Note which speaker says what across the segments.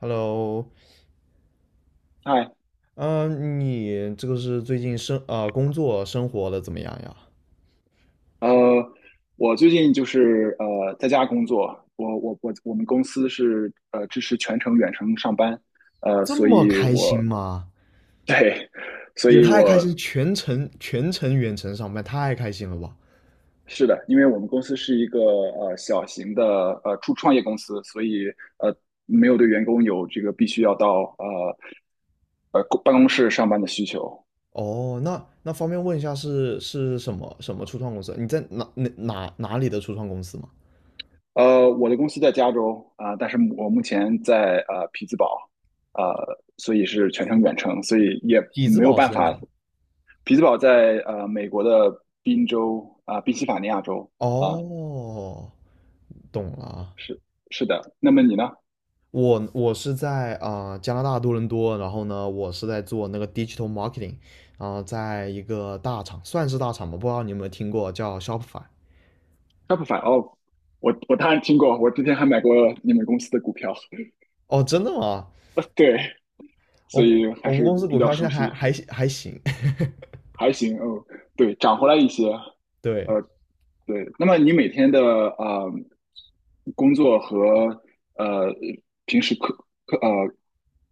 Speaker 1: Hello,
Speaker 2: 嗨，
Speaker 1: 嗯，你这个是最近工作生活的怎么样呀？
Speaker 2: 呃，我最近就是在家工作，我们公司是支持全程远程上班，
Speaker 1: 这
Speaker 2: 所
Speaker 1: 么
Speaker 2: 以
Speaker 1: 开心
Speaker 2: 我
Speaker 1: 吗？
Speaker 2: 对，所
Speaker 1: 也
Speaker 2: 以
Speaker 1: 太开
Speaker 2: 我
Speaker 1: 心，全程远程上班，太开心了吧？
Speaker 2: 是的，因为我们公司是一个小型的初创业公司，所以呃没有对员工有这个必须要到公办公室上班的需求，
Speaker 1: 哦，那方便问一下是什么什么初创公司？你在哪里的初创公司吗？
Speaker 2: 我的公司在加州啊，但是我目前在匹兹堡，呃，所以是全程远程，所以也
Speaker 1: 匹兹
Speaker 2: 没有
Speaker 1: 堡是
Speaker 2: 办
Speaker 1: 在哪？
Speaker 2: 法。匹兹堡在美国的宾州啊，宾夕法尼亚州啊，
Speaker 1: 哦，懂了啊。
Speaker 2: 是是的。那么你呢
Speaker 1: 我是在加拿大多伦多，然后呢，我是在做那个 digital marketing,然后在一个大厂，算是大厂吧，不知道你有没有听过叫 Shopify？
Speaker 2: ？Shopify 哦，我当然听过，我之前还买过你们公司的股票，
Speaker 1: 哦，真的吗？
Speaker 2: 对，所
Speaker 1: 我
Speaker 2: 以还
Speaker 1: 我们
Speaker 2: 是
Speaker 1: 公司
Speaker 2: 比
Speaker 1: 股
Speaker 2: 较
Speaker 1: 票现在
Speaker 2: 熟
Speaker 1: 还
Speaker 2: 悉。
Speaker 1: 还还行，
Speaker 2: 还行，嗯，对，涨回来一些，
Speaker 1: 对。
Speaker 2: 呃，对。那么你每天的工作和呃平时课课呃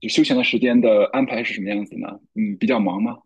Speaker 2: 就休闲的时间的安排是什么样子呢？嗯，比较忙吗？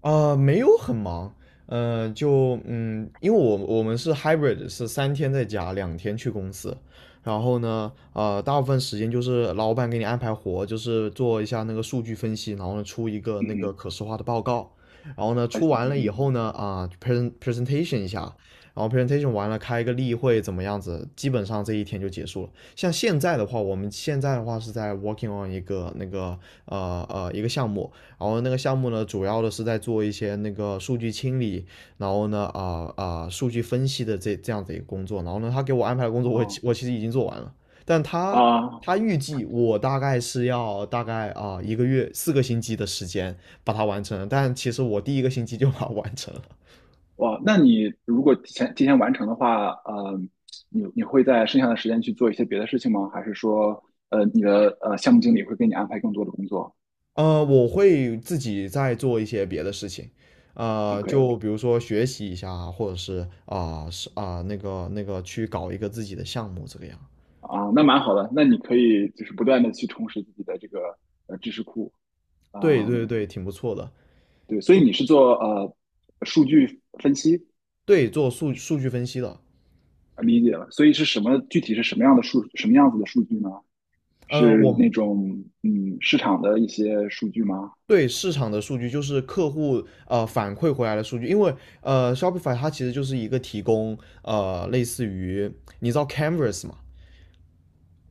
Speaker 1: 没有很忙，因为我们是 hybrid,是三天在家，两天去公司。然后呢，呃，大部分时间就是老板给你安排活，就是做一下那个数据分析，然后呢出一个
Speaker 2: 嗯
Speaker 1: 那个
Speaker 2: 哼。
Speaker 1: 可视化的报告。然后呢，
Speaker 2: 还
Speaker 1: 出
Speaker 2: 行，
Speaker 1: 完了以
Speaker 2: 嗯
Speaker 1: 后呢，啊、p r e s e n presentation 一下，然后 presentation 完了开一个例会，怎么样子？基本上这一天就结束了。像现在的话，我们现在的话是在 working on 一个那个一个项目，然后那个项目呢，主要的是在做一些那个数据清理，然后呢，数据分析的这样子一个工作。然后呢，他给我安排的工作
Speaker 2: 哼，
Speaker 1: 我我
Speaker 2: 哦
Speaker 1: 我其实已经做完了，但他
Speaker 2: 啊，
Speaker 1: 他预计我大概是要大概一个月四个星期的时间把它完成，但其实我第一个星期就把它完成了。
Speaker 2: 哇，那你如果提前完成的话，你会在剩下的时间去做一些别的事情吗？还是说，你的项目经理会给你安排更多的工作
Speaker 1: 呃，我会自己再做一些别的事情。呃，
Speaker 2: ？OK,
Speaker 1: 就比如说学习一下啊或者是那个那个去搞一个自己的项目这个样。
Speaker 2: 啊，那蛮好的，那你可以就是不断的去充实自己的这个知识库，
Speaker 1: 对对
Speaker 2: 嗯，
Speaker 1: 对，挺不错的。
Speaker 2: 对，所以你是做数据分析，
Speaker 1: 对，做数数据分析的。
Speaker 2: 理解了，所以是什么具体是什么样子的数据呢？
Speaker 1: 呃，
Speaker 2: 是
Speaker 1: 我
Speaker 2: 那种市场的一些数据吗
Speaker 1: 对市场的数据就是客户呃反馈回来的数据，因为呃 Shopify 它其实就是一个提供呃类似于你知道 Canvas 嘛，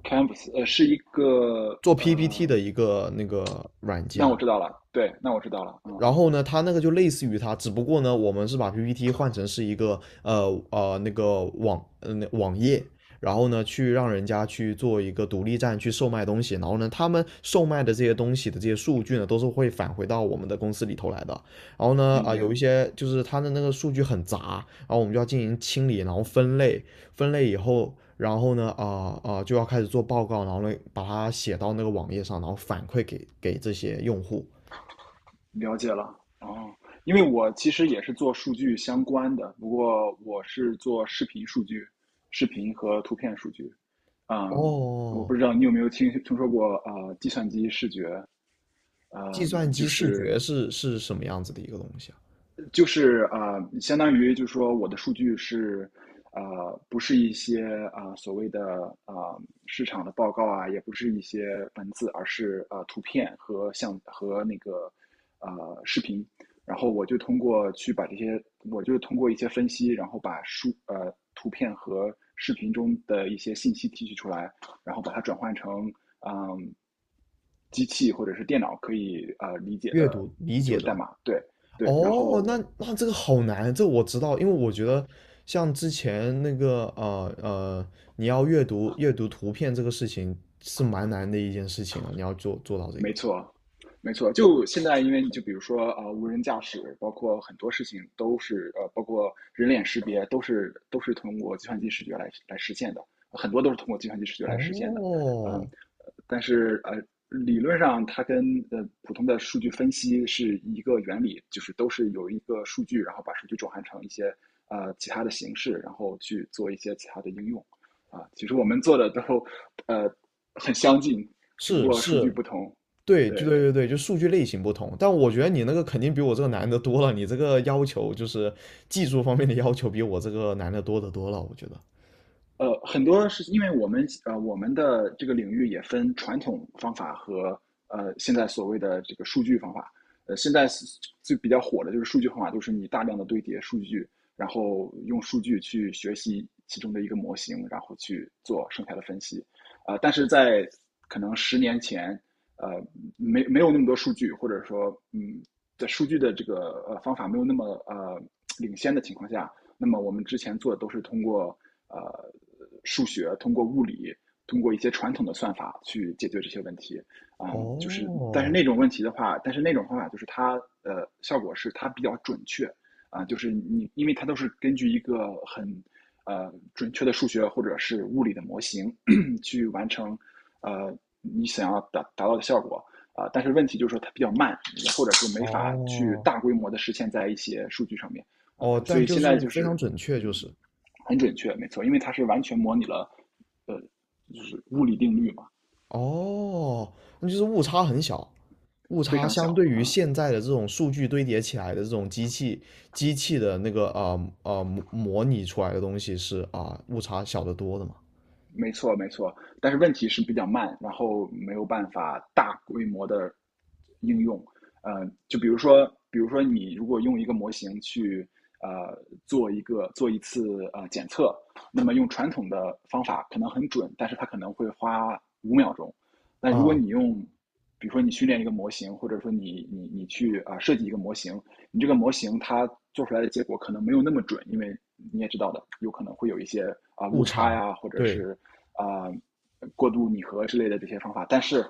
Speaker 2: ？Canvas 是一个，
Speaker 1: 做 PPT 的一个那个软
Speaker 2: 那
Speaker 1: 件。
Speaker 2: 我知道了，对，那我知道了，嗯，
Speaker 1: 然后呢，它那个就类似于它，只不过呢，我们是把 PPT 换成是一个那个网页，然后呢去让人家去做一个独立站去售卖东西，然后呢他们售卖的这些东西的这些数据呢都是会返回到我们的公司里头来的。然后呢
Speaker 2: 理
Speaker 1: 有
Speaker 2: 解，
Speaker 1: 一些就是他的那个数据很杂，然后我们就要进行清理，然后分类，分类以后。然后呢，就要开始做报告，然后呢，把它写到那个网页上，然后反馈给给这些用户。
Speaker 2: 了解了，哦，因为我其实也是做数据相关的，不过我是做视频数据、视频和图片数据。嗯，我不
Speaker 1: 哦，
Speaker 2: 知道你有没有听说过，计算机视觉，
Speaker 1: 计
Speaker 2: 嗯，
Speaker 1: 算
Speaker 2: 就
Speaker 1: 机视
Speaker 2: 是
Speaker 1: 觉是什么样子的一个东西啊？
Speaker 2: 就是相当于就是说我的数据是不是一些所谓的市场的报告啊，也不是一些文字，而是图片和那个视频。然后我就通过一些分析，然后把图片和视频中的一些信息提取出来，然后把它转换成嗯机器或者是电脑可以理解
Speaker 1: 阅
Speaker 2: 的，
Speaker 1: 读理
Speaker 2: 就
Speaker 1: 解
Speaker 2: 是代
Speaker 1: 的。
Speaker 2: 码。对对，然
Speaker 1: 哦，
Speaker 2: 后
Speaker 1: 那这个好难，这我知道，因为我觉得像之前那个你要阅读阅读图片这个事情是蛮难的一件事情啊，你要做做到这
Speaker 2: 没
Speaker 1: 个。
Speaker 2: 错，没错。就现在，因为你就比如说无人驾驶，包括很多事情都是，包括人脸识别，都是通过计算机视觉来实现的，很多都是通过计算机视觉来实现的。嗯，
Speaker 1: 哦，
Speaker 2: 但是，理论上它跟普通的数据分析是一个原理，就是都是有一个数据，然后把数据转换成一些其他的形式，然后去做一些其他的应用。啊，其实我们做的都呃很相近，只不
Speaker 1: 是
Speaker 2: 过数据
Speaker 1: 是，
Speaker 2: 不同。
Speaker 1: 对，就
Speaker 2: 对，
Speaker 1: 对对对，就数据类型不同，但我觉得你那个肯定比我这个难的多了，你这个要求就是技术方面的要求比我这个难的多得多了，我觉得。
Speaker 2: 很多是因为我们的这个领域也分传统方法和现在所谓的这个数据方法。现在是比较火的就是数据方法，就是你大量的堆叠数据，然后用数据去学习其中的一个模型，然后去做剩下的分析。但是在可能10年前，呃，没有那么多数据，或者说，在数据的这个方法没有那么领先的情况下，那么我们之前做的都是通过呃数学、通过物理、通过一些传统的算法去解决这些问题。嗯，就是
Speaker 1: 哦，
Speaker 2: 但是那种方法就是它效果是它比较准确就是你因为它都是根据一个很准确的数学或者是物理的模型 去完成你想要达到的效果。但是问题就是说它比较慢，或者是没法去
Speaker 1: 哦
Speaker 2: 大规模的实现在一些数据上面。啊，
Speaker 1: 哦，
Speaker 2: 对，所
Speaker 1: 但
Speaker 2: 以
Speaker 1: 就
Speaker 2: 现在
Speaker 1: 是
Speaker 2: 就
Speaker 1: 非常
Speaker 2: 是
Speaker 1: 准确，就
Speaker 2: 嗯，
Speaker 1: 是
Speaker 2: 很准确，没错，因为它是完全模拟了呃，就是物理定律嘛，
Speaker 1: 哦，那就是误差很小，误
Speaker 2: 非
Speaker 1: 差
Speaker 2: 常
Speaker 1: 相
Speaker 2: 小
Speaker 1: 对于
Speaker 2: 啊、
Speaker 1: 现在的这种数据堆叠起来的这种机器的那个模模拟出来的东西是误差小得多的嘛
Speaker 2: 没错，没错，但是问题是比较慢，然后没有办法大规模的应用。就比如说，比如说你如果用一个模型去呃做一次检测，那么用传统的方法可能很准，但是它可能会花5秒钟。但如果
Speaker 1: 啊、
Speaker 2: 你用，比如说你训练一个模型，或者说你去设计一个模型，你这个模型它做出来的结果可能没有那么准，因为你也知道的，有可能会有一些误
Speaker 1: 误
Speaker 2: 差
Speaker 1: 差
Speaker 2: 呀，或者
Speaker 1: 对
Speaker 2: 是啊、呃过度拟合之类的这些方法，但是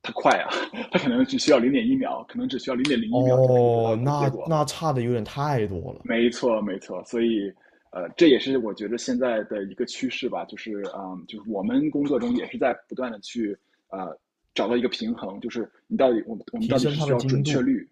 Speaker 2: 它快啊，它可能只需要0.1秒，可能只需要0.01秒就可以得到
Speaker 1: 哦，
Speaker 2: 一个结
Speaker 1: 那
Speaker 2: 果。
Speaker 1: 那差的有点太多了，
Speaker 2: 没错，没错，所以。这也是我觉得现在的一个趋势吧，就是就是我们工作中也是在不断的去呃找到一个平衡，就是你到底我们
Speaker 1: 提
Speaker 2: 到底
Speaker 1: 升
Speaker 2: 是
Speaker 1: 它
Speaker 2: 需
Speaker 1: 的
Speaker 2: 要
Speaker 1: 精
Speaker 2: 准确
Speaker 1: 度
Speaker 2: 率，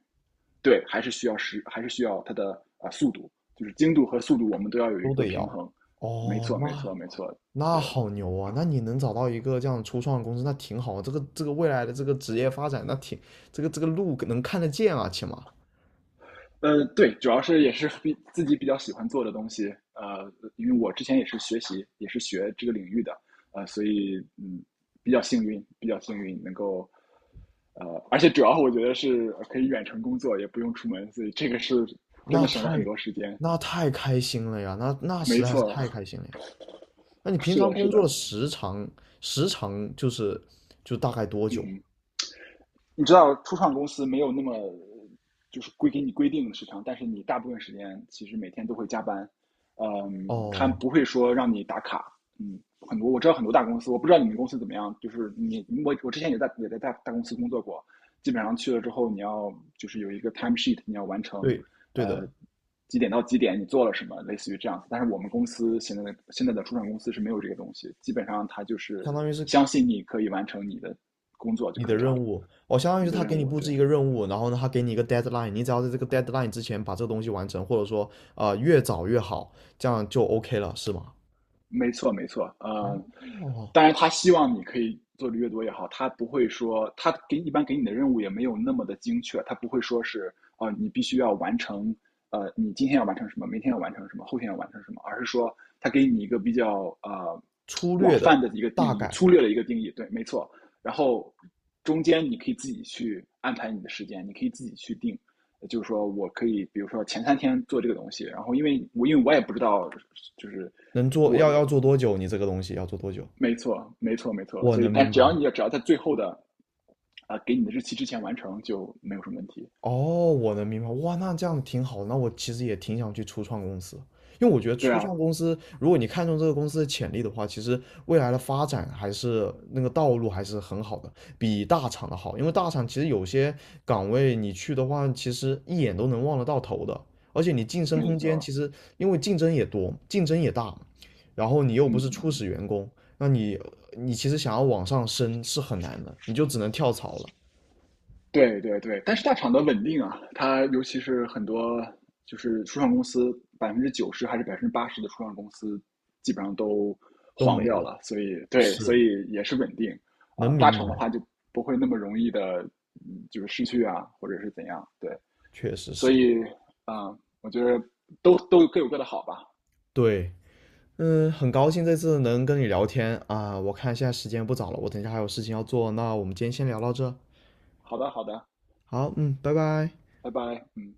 Speaker 2: 对，还是需要它的速度，就是精度和速度，我们都要有一
Speaker 1: 都
Speaker 2: 个
Speaker 1: 得要
Speaker 2: 平衡。没
Speaker 1: 哦，
Speaker 2: 错，没错，
Speaker 1: 那
Speaker 2: 没错，
Speaker 1: 那
Speaker 2: 对，
Speaker 1: 好牛啊！那你能找到一个这样初创的公司，那挺好啊。这个这个未来的这个职业发展，那挺这个这个路能看得见啊，起码
Speaker 2: 对，主要是也是比自己比较喜欢做的东西，因为我之前也是学习，也是学这个领域的，所以比较幸运能够，而且主要我觉得是可以远程工作，也不用出门，所以这个是真
Speaker 1: 那
Speaker 2: 的省了很
Speaker 1: 太
Speaker 2: 多时间。
Speaker 1: 那太开心了呀！那实
Speaker 2: 没
Speaker 1: 在是
Speaker 2: 错，
Speaker 1: 太开心了呀！那你平
Speaker 2: 是
Speaker 1: 常
Speaker 2: 的，是
Speaker 1: 工作的
Speaker 2: 的，
Speaker 1: 时长时长就是就大概多久啊？
Speaker 2: 嗯。你知道初创公司没有那么给你规定的时长，但是你大部分时间其实每天都会加班，嗯，他
Speaker 1: 哦，
Speaker 2: 不会说让你打卡，嗯，我知道很多大公司，我不知道你们公司怎么样，就是你我之前也在大公司工作过，基本上去了之后你要就是有一个 time sheet,你要完成，
Speaker 1: 对对的，
Speaker 2: 呃。几点到几点你做了什么，类似于这样子。但是我们公司现在的初创公司是没有这个东西，基本上他就是
Speaker 1: 相当于是
Speaker 2: 相信你可以完成你的工作就
Speaker 1: 你的
Speaker 2: 可以
Speaker 1: 任
Speaker 2: 了。
Speaker 1: 务哦，相当于
Speaker 2: 你
Speaker 1: 是
Speaker 2: 的
Speaker 1: 他
Speaker 2: 任
Speaker 1: 给你
Speaker 2: 务，
Speaker 1: 布
Speaker 2: 对，
Speaker 1: 置一个任务，然后呢，他给你一个 deadline,你只要在这个 deadline 之前把这个东西完成，或者说越早越好，这样就 OK 了，是吗？
Speaker 2: 没错，没错，
Speaker 1: 哦，
Speaker 2: 当然他希望你可以做的越多越好，他不会说一般给你的任务也没有那么的精确，他不会说是你必须要完成，你今天要完成什么，明天要完成什么，后天要完成什么，而是说他给你一个比较
Speaker 1: 粗
Speaker 2: 广
Speaker 1: 略
Speaker 2: 泛
Speaker 1: 的
Speaker 2: 的一个定
Speaker 1: 大
Speaker 2: 义，
Speaker 1: 概
Speaker 2: 粗略的一个定义，对，没错，然后中间你可以自己去安排你的时间，你可以自己去定。就是说我可以，比如说前3天做这个东西，然后因为我也不知道，就是
Speaker 1: 能做
Speaker 2: 我
Speaker 1: 要要做多久？你这个东西要做多久？
Speaker 2: 没错，没错，没错。
Speaker 1: 我
Speaker 2: 所以，
Speaker 1: 能
Speaker 2: 但
Speaker 1: 明白，
Speaker 2: 只要在最后的给你的日期之前完成，就没有什么问题。
Speaker 1: 哦，我能明白，哇，那这样挺好的。那我其实也挺想去初创公司，因为我觉得
Speaker 2: 对
Speaker 1: 初
Speaker 2: 啊，
Speaker 1: 创公司，如果你看中这个公司的潜力的话，其实未来的发展还是那个道路还是很好的，比大厂的好。因为大厂其实有些岗位你去的话，其实一眼都能望得到头的，而且你晋升
Speaker 2: 没
Speaker 1: 空间其
Speaker 2: 错，
Speaker 1: 实因为竞争也多，竞争也大，然后你又不
Speaker 2: 嗯
Speaker 1: 是初
Speaker 2: 嗯，
Speaker 1: 始员工，那你你其实想要往上升是很难的，你就只能跳槽了，
Speaker 2: 对对对。但是大厂的稳定啊，它尤其是很多初创公司，90%还是80%的初创公司，基本上都
Speaker 1: 都
Speaker 2: 黄
Speaker 1: 没
Speaker 2: 掉
Speaker 1: 了，
Speaker 2: 了。所以对，所
Speaker 1: 是
Speaker 2: 以也是稳定
Speaker 1: 能
Speaker 2: 啊、大
Speaker 1: 明白。
Speaker 2: 厂的话就不会那么容易的，就是失去啊，或者是怎样。对，
Speaker 1: 确实
Speaker 2: 所
Speaker 1: 是。
Speaker 2: 以我觉得都各有各的好吧。
Speaker 1: 对，嗯，很高兴这次能跟你聊天啊，我看现在时间不早了，我等一下还有事情要做，那我们今天先聊到这。
Speaker 2: 好的，好的，
Speaker 1: 好，嗯，拜拜。
Speaker 2: 拜拜，嗯。